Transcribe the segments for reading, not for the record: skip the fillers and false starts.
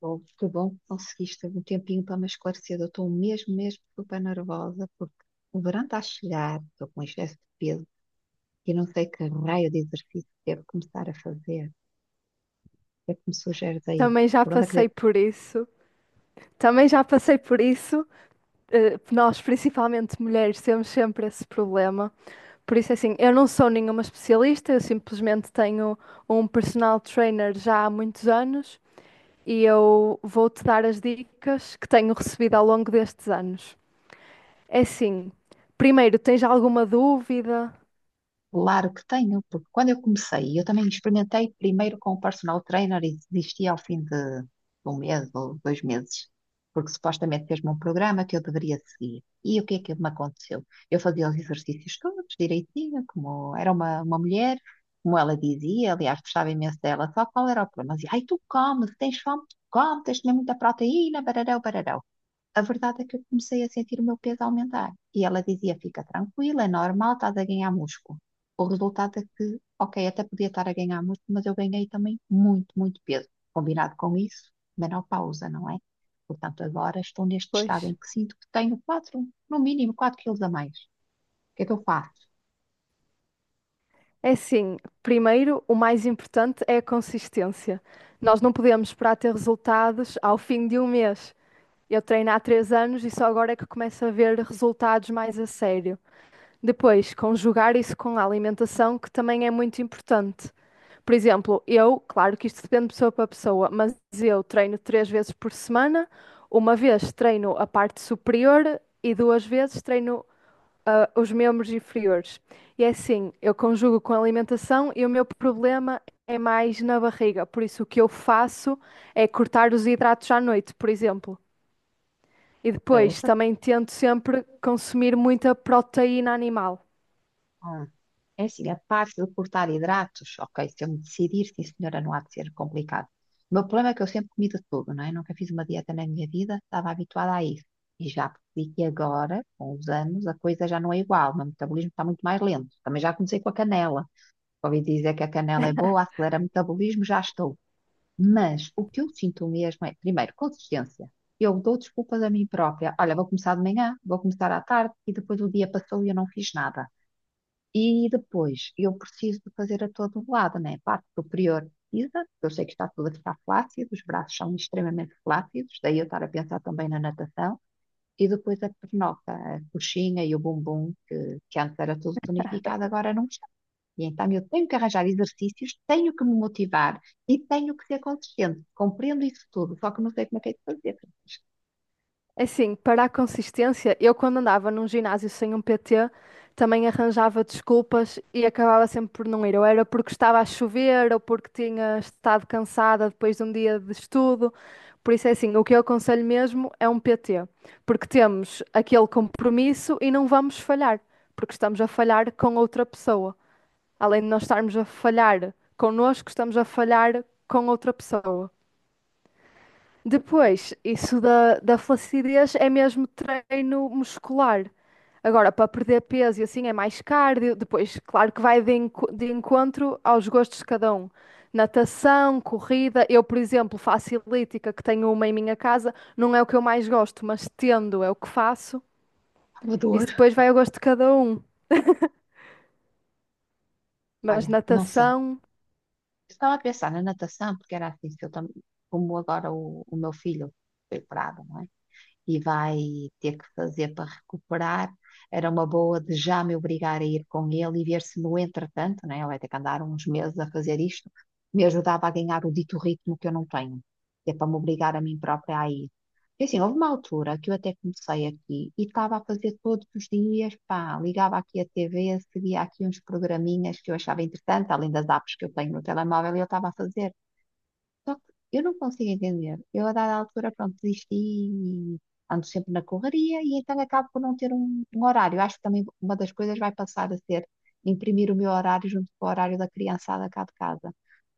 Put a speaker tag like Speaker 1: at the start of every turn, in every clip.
Speaker 1: Oh, que bom que conseguiste um tempinho para me esclarecer. Eu estou mesmo super nervosa porque o verão está a chegar, estou com um excesso de peso e não sei que raio de exercício devo começar a fazer. O que é que me sugeres aí?
Speaker 2: Também já
Speaker 1: Por onde é que
Speaker 2: passei
Speaker 1: devo...
Speaker 2: por isso. Também já passei por isso. Nós, principalmente mulheres, temos sempre esse problema. Por isso, assim, eu não sou nenhuma especialista, eu simplesmente tenho um personal trainer já há muitos anos e eu vou-te dar as dicas que tenho recebido ao longo destes anos. É assim, primeiro, tens alguma dúvida?
Speaker 1: Claro que tenho, porque quando eu comecei, eu também experimentei primeiro com o personal trainer e desisti ao fim de um mês ou dois meses, porque supostamente fez-me um programa que eu deveria seguir. E o que é que me aconteceu? Eu fazia os exercícios todos direitinho, como era uma mulher, como ela dizia, aliás, gostava imenso dela, só qual era o problema? Ela dizia, ai, tu comes, tens fome, tu comes, tens de comer muita proteína, barará, barará. A verdade é que eu comecei a sentir o meu peso aumentar. E ela dizia: fica tranquila, é normal, estás a ganhar músculo. O resultado é que, ok, até podia estar a ganhar músculo, mas eu ganhei também muito peso. Combinado com isso, menopausa, não é? Portanto, agora estou neste estado
Speaker 2: Pois.
Speaker 1: em que sinto que tenho 4, no mínimo 4 quilos a mais. O que é que eu faço?
Speaker 2: É assim, primeiro, o mais importante é a consistência. Nós não podemos esperar ter resultados ao fim de um mês. Eu treino há três anos e só agora é que começo a ver resultados mais a sério. Depois, conjugar isso com a alimentação, que também é muito importante. Por exemplo, eu, claro que isto depende de pessoa para pessoa, mas eu treino três vezes por semana. Uma vez treino a parte superior e duas vezes treino, os membros inferiores. E é assim, eu conjugo com a alimentação e o meu problema é mais na barriga. Por isso, o que eu faço é cortar os hidratos à noite, por exemplo. E
Speaker 1: É
Speaker 2: depois
Speaker 1: essa...
Speaker 2: também tento sempre consumir muita proteína animal.
Speaker 1: Ah, é assim, a parte de cortar hidratos, ok, se eu me decidir, sim senhora, não há de ser complicado. O meu problema é que eu sempre comi de tudo, não é? Nunca fiz uma dieta na minha vida, estava habituada a isso. E já percebi que agora, com os anos, a coisa já não é igual, o meu metabolismo está muito mais lento. Também já comecei com a canela. Ouvi dizer que a canela é boa, acelera o metabolismo, já estou. Mas o que eu sinto mesmo é, primeiro, consistência. Eu dou desculpas a mim própria. Olha, vou começar de manhã, vou começar à tarde e depois o dia passou e eu não fiz nada. E depois, eu preciso de fazer a todo lado, né? A parte superior precisa, porque eu sei que está tudo a ficar flácido, os braços são extremamente flácidos, daí eu estar a pensar também na natação. E depois a pernoca, a coxinha e o bumbum, que antes era tudo tonificado, agora não está. E então eu tenho que arranjar exercícios, tenho que me motivar e tenho que ser consistente. Compreendo isso tudo, só que não sei como é que é de fazer. Francisco.
Speaker 2: Assim, para a consistência, eu quando andava num ginásio sem um PT, também arranjava desculpas e acabava sempre por não ir. Ou era porque estava a chover, ou porque tinha estado cansada depois de um dia de estudo. Por isso é assim, o que eu aconselho mesmo é um PT, porque temos aquele compromisso e não vamos falhar, porque estamos a falhar com outra pessoa. Além de nós estarmos a falhar connosco, estamos a falhar com outra pessoa. Depois, isso da flacidez é mesmo treino muscular. Agora, para perder peso e assim é mais cardio. Depois, claro que vai de encontro aos gostos de cada um. Natação, corrida. Eu, por exemplo, faço elíptica, que tenho uma em minha casa. Não é o que eu mais gosto, mas tendo é o que faço. Isso
Speaker 1: Salvador,
Speaker 2: depois vai ao gosto de cada um. Mas
Speaker 1: olha, não sei.
Speaker 2: natação
Speaker 1: Estava a pensar na natação, porque era assim, se eu tam-... como agora o meu filho foi parado, não é? E vai ter que fazer para recuperar. Era uma boa de já me obrigar a ir com ele e ver se no entretanto, né, ele vai ter que andar uns meses a fazer isto, me ajudava a ganhar o dito ritmo que eu não tenho, que é para me obrigar a mim própria a ir. E assim, houve uma altura que eu até comecei aqui e estava a fazer todos os dias, pá, ligava aqui a TV, seguia aqui uns programinhas que eu achava interessante, além das apps que eu tenho no telemóvel, e eu estava a fazer. Só que eu não consigo entender. Eu, a dada altura, pronto, desisti e ando sempre na correria e então acabo por não ter um horário. Acho que também uma das coisas vai passar a ser imprimir o meu horário junto com o horário da criançada cá de casa,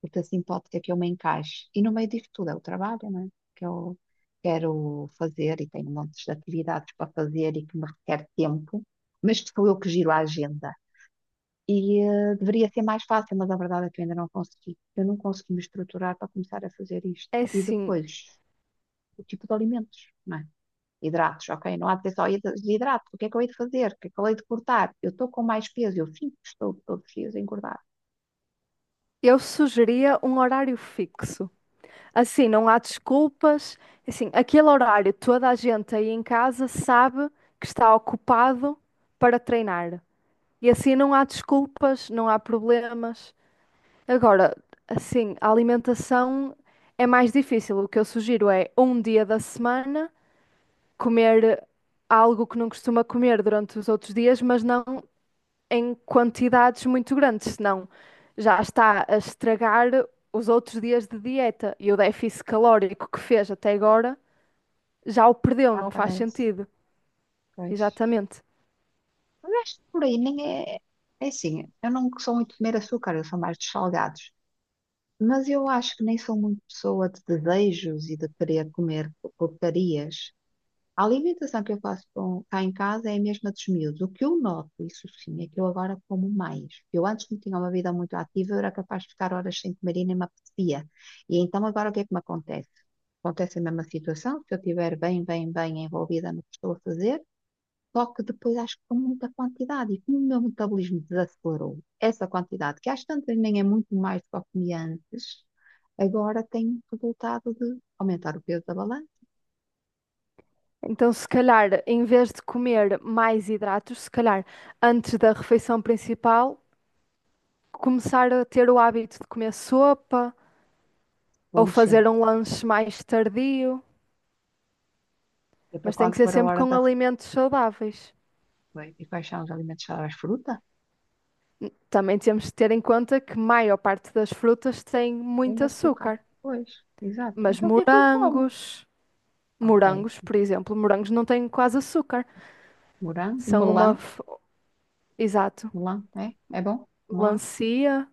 Speaker 1: porque assim pode ser que eu me encaixe. E no meio disto tudo é o trabalho, né? Que eu quero fazer e tenho montes de atividades para fazer e que me requer tempo, mas que sou eu que giro a agenda. E deveria ser mais fácil, mas a verdade é que eu ainda não consegui. Eu não consegui me estruturar para começar a fazer isto.
Speaker 2: é
Speaker 1: E
Speaker 2: sim.
Speaker 1: depois, o tipo de alimentos, não é? Hidratos, ok? Não há de ser só hidratos. O que é que eu hei de fazer? O que é que eu hei de cortar? Eu estou com mais peso. Eu sinto que estou todos os dias a engordar.
Speaker 2: Eu sugeria um horário fixo. Assim, não há desculpas. Assim, aquele horário toda a gente aí em casa sabe que está ocupado para treinar. E assim não há desculpas, não há problemas. Agora, assim, a alimentação é mais difícil. O que eu sugiro é um dia da semana comer algo que não costuma comer durante os outros dias, mas não em quantidades muito grandes, senão já está a estragar os outros dias de dieta e o déficit calórico que fez até agora já o perdeu,
Speaker 1: Ah,
Speaker 2: não faz
Speaker 1: parece.
Speaker 2: sentido.
Speaker 1: Pois.
Speaker 2: Exatamente.
Speaker 1: Mas acho que por aí nem é. É assim, eu não sou muito de comer açúcar, eu sou mais dos salgados. Mas eu acho que nem sou muito pessoa de desejos e de querer comer porcarias. A alimentação que eu faço cá em casa é a mesma dos miúdos. O que eu noto, isso sim, é que eu agora como mais. Eu antes não tinha uma vida muito ativa, eu era capaz de ficar horas sem comer e nem me apetecia. E então agora o que é que me acontece? Acontece a mesma situação, se eu estiver bem envolvida no que estou a fazer, só que depois acho que com muita quantidade. E como o meu metabolismo desacelerou, essa quantidade, que às tantas nem é muito mais do que eu comia antes, agora tem resultado de aumentar o peso da balança,
Speaker 2: Então, se calhar, em vez de comer mais hidratos, se calhar antes da refeição principal, começar a ter o hábito de comer sopa ou
Speaker 1: como
Speaker 2: fazer
Speaker 1: sempre.
Speaker 2: um lanche mais tardio,
Speaker 1: E para
Speaker 2: mas tem
Speaker 1: quando
Speaker 2: que ser
Speaker 1: for a
Speaker 2: sempre
Speaker 1: hora
Speaker 2: com
Speaker 1: da...
Speaker 2: alimentos saudáveis.
Speaker 1: Bem, e quais são os alimentos saudáveis? Fruta?
Speaker 2: Também temos de ter em conta que maior parte das frutas tem
Speaker 1: Tem
Speaker 2: muito
Speaker 1: açúcar.
Speaker 2: açúcar,
Speaker 1: Pois, exato.
Speaker 2: mas
Speaker 1: Então o que é que eu como?
Speaker 2: morangos,
Speaker 1: Ok.
Speaker 2: morangos, por exemplo, morangos não têm quase açúcar.
Speaker 1: Morango,
Speaker 2: São
Speaker 1: melão.
Speaker 2: exato,
Speaker 1: Melão, é? É bom? Melão?
Speaker 2: melancia,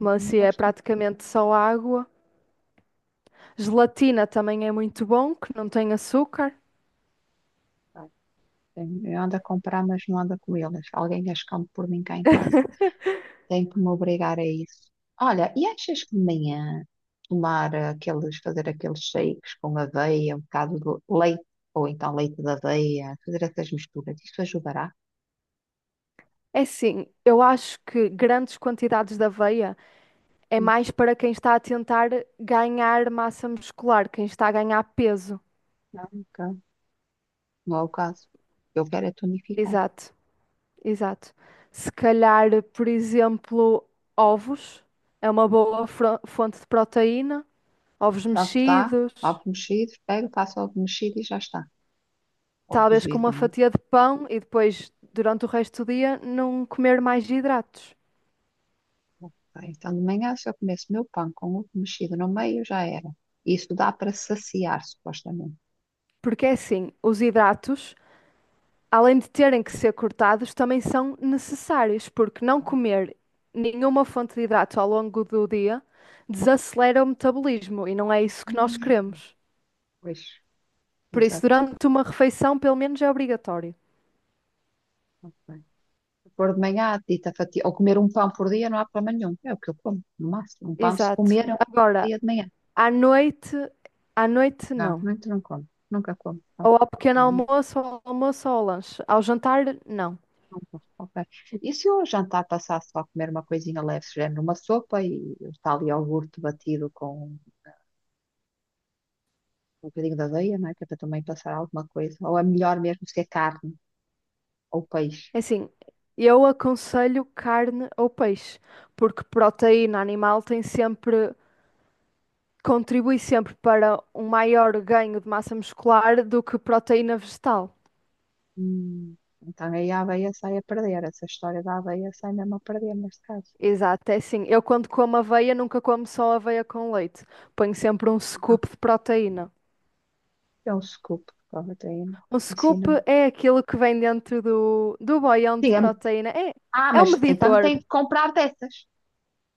Speaker 1: Eu não
Speaker 2: melancia é
Speaker 1: gosto muito.
Speaker 2: praticamente só água. Gelatina também é muito bom, que não tem açúcar.
Speaker 1: Ai, tenho-... Eu ando a comprar, mas não ando a comê-las. Alguém as come por mim cá em casa. Tenho que me obrigar a isso. Olha, e achas que de manhã tomar aqueles, fazer aqueles shakes com aveia, um bocado de leite, ou então leite de aveia, fazer essas misturas, isso ajudará?
Speaker 2: É sim, eu acho que grandes quantidades de aveia é
Speaker 1: Hum.
Speaker 2: mais para quem está a tentar ganhar massa muscular, quem está a ganhar peso.
Speaker 1: Não, nunca. Não é o caso. Eu quero é tonificar.
Speaker 2: Exato. Exato. Se calhar, por exemplo, ovos é uma fonte de proteína, ovos
Speaker 1: Pronto, dá
Speaker 2: mexidos,
Speaker 1: ovo mexido, pego, faço ovo mexido e já está. Ou
Speaker 2: talvez com uma
Speaker 1: cozido, não é?
Speaker 2: fatia de pão e depois, durante o resto do dia, não comer mais hidratos.
Speaker 1: Ok. Então, de manhã, se eu comesse meu pão com ovo mexido no meio, já era. Isso dá para saciar, supostamente.
Speaker 2: Porque é assim, os hidratos, além de terem que ser cortados, também são necessários, porque não comer nenhuma fonte de hidrato ao longo do dia desacelera o metabolismo e não é isso que nós
Speaker 1: Hum.
Speaker 2: queremos.
Speaker 1: Pois,
Speaker 2: Por isso,
Speaker 1: exato.
Speaker 2: durante uma refeição, pelo menos é obrigatório.
Speaker 1: Ok. Pôr de manhã a dita fatia, ou comer um pão por dia, não há problema nenhum. É o que eu como, no máximo. Um pão, se
Speaker 2: Exato.
Speaker 1: comer, é um
Speaker 2: Agora,
Speaker 1: dia de manhã.
Speaker 2: à noite, à noite
Speaker 1: Não,
Speaker 2: não.
Speaker 1: muito não como. Nunca como. Não.
Speaker 2: Ou ao pequeno almoço, ou ao lanche. Ao jantar, não.
Speaker 1: Ok. E se o jantar passasse só a comer uma coisinha leve, género uma sopa e está ali iogurte batido com um bocadinho de aveia, não é? Que é para também passar alguma coisa. Ou é melhor mesmo se é carne ou peixe.
Speaker 2: É assim, eu aconselho carne ou peixe, porque proteína animal tem sempre, contribui sempre para um maior ganho de massa muscular do que proteína vegetal.
Speaker 1: Hum. Então aí a aveia sai a perder. Essa história da aveia sai mesmo a perder neste caso.
Speaker 2: Exato, é assim. Eu quando como aveia, nunca como só aveia com leite. Ponho sempre um
Speaker 1: Ah,
Speaker 2: scoop de proteína.
Speaker 1: é um scoop de proteína.
Speaker 2: O scoop
Speaker 1: Ensina-me.
Speaker 2: é aquilo que vem dentro do boião de
Speaker 1: Diga-me.
Speaker 2: proteína. É,
Speaker 1: Ah,
Speaker 2: é um
Speaker 1: mas então
Speaker 2: medidor,
Speaker 1: tem que comprar dessas.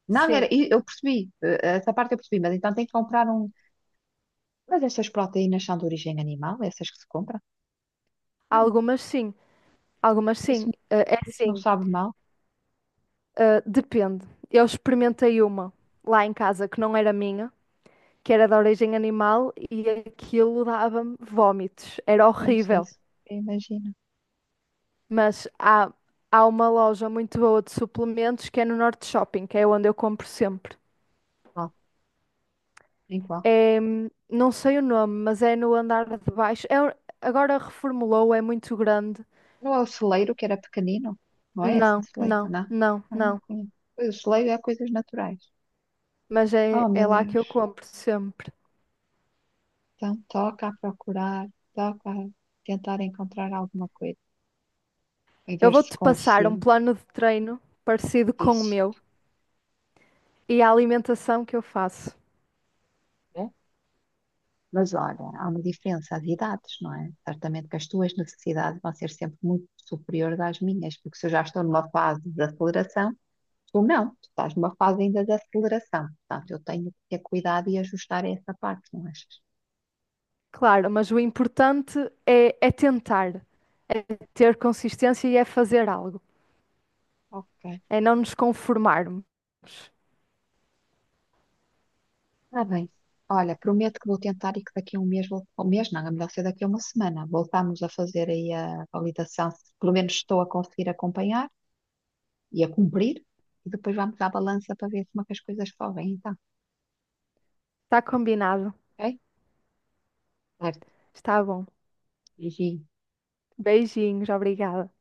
Speaker 1: Não, era,
Speaker 2: sim.
Speaker 1: e eu percebi, essa parte eu percebi, mas então tem que comprar um. Mas estas proteínas são de origem animal, essas que se compram? Não,
Speaker 2: Algumas sim, algumas sim.
Speaker 1: isso,
Speaker 2: É
Speaker 1: isso não
Speaker 2: sim,
Speaker 1: sabe mal.
Speaker 2: Depende. Eu experimentei uma lá em casa que não era minha, que era de origem animal e aquilo dava-me vómitos. Era
Speaker 1: Pois é
Speaker 2: horrível.
Speaker 1: isso, eu imagino.
Speaker 2: Mas há, há uma loja muito boa de suplementos que é no Norte Shopping, que é onde eu compro sempre.
Speaker 1: Ó, igual.
Speaker 2: É, não sei o nome, mas é no andar de baixo. Agora reformulou, é muito grande.
Speaker 1: Não é o celeiro que era pequenino? Não é esse
Speaker 2: Não,
Speaker 1: celeiro,
Speaker 2: não,
Speaker 1: não?
Speaker 2: não,
Speaker 1: Ah, não
Speaker 2: não.
Speaker 1: conheço. Pois, o celeiro é coisas naturais.
Speaker 2: Mas
Speaker 1: Oh,
Speaker 2: é,
Speaker 1: meu
Speaker 2: é lá que eu
Speaker 1: Deus.
Speaker 2: compro sempre.
Speaker 1: Então, toca a procurar, toca a tentar encontrar alguma coisa e
Speaker 2: Eu
Speaker 1: ver se
Speaker 2: vou-te passar um
Speaker 1: consigo
Speaker 2: plano de treino parecido com o
Speaker 1: isso.
Speaker 2: meu e a alimentação que eu faço.
Speaker 1: Né? Mas olha, há uma diferença de idades, não é? Certamente que as tuas necessidades vão ser sempre muito superiores às minhas, porque se eu já estou numa fase de aceleração, tu não, tu estás numa fase ainda de aceleração. Portanto, eu tenho que ter cuidado e ajustar essa parte, não achas?
Speaker 2: Claro, mas o importante é tentar, é ter consistência e é fazer algo,
Speaker 1: Ok.
Speaker 2: é não nos conformarmos.
Speaker 1: Está bem. Olha, prometo que vou tentar e que daqui a um mês, um mês não, é melhor ser daqui a uma semana, voltamos a fazer aí a validação, se pelo menos estou a conseguir acompanhar e a cumprir, e depois vamos à balança para ver como é que as coisas correm, então,
Speaker 2: Está combinado?
Speaker 1: ok? Certo.
Speaker 2: Está bom.
Speaker 1: Beijinho.
Speaker 2: Beijinhos, obrigada.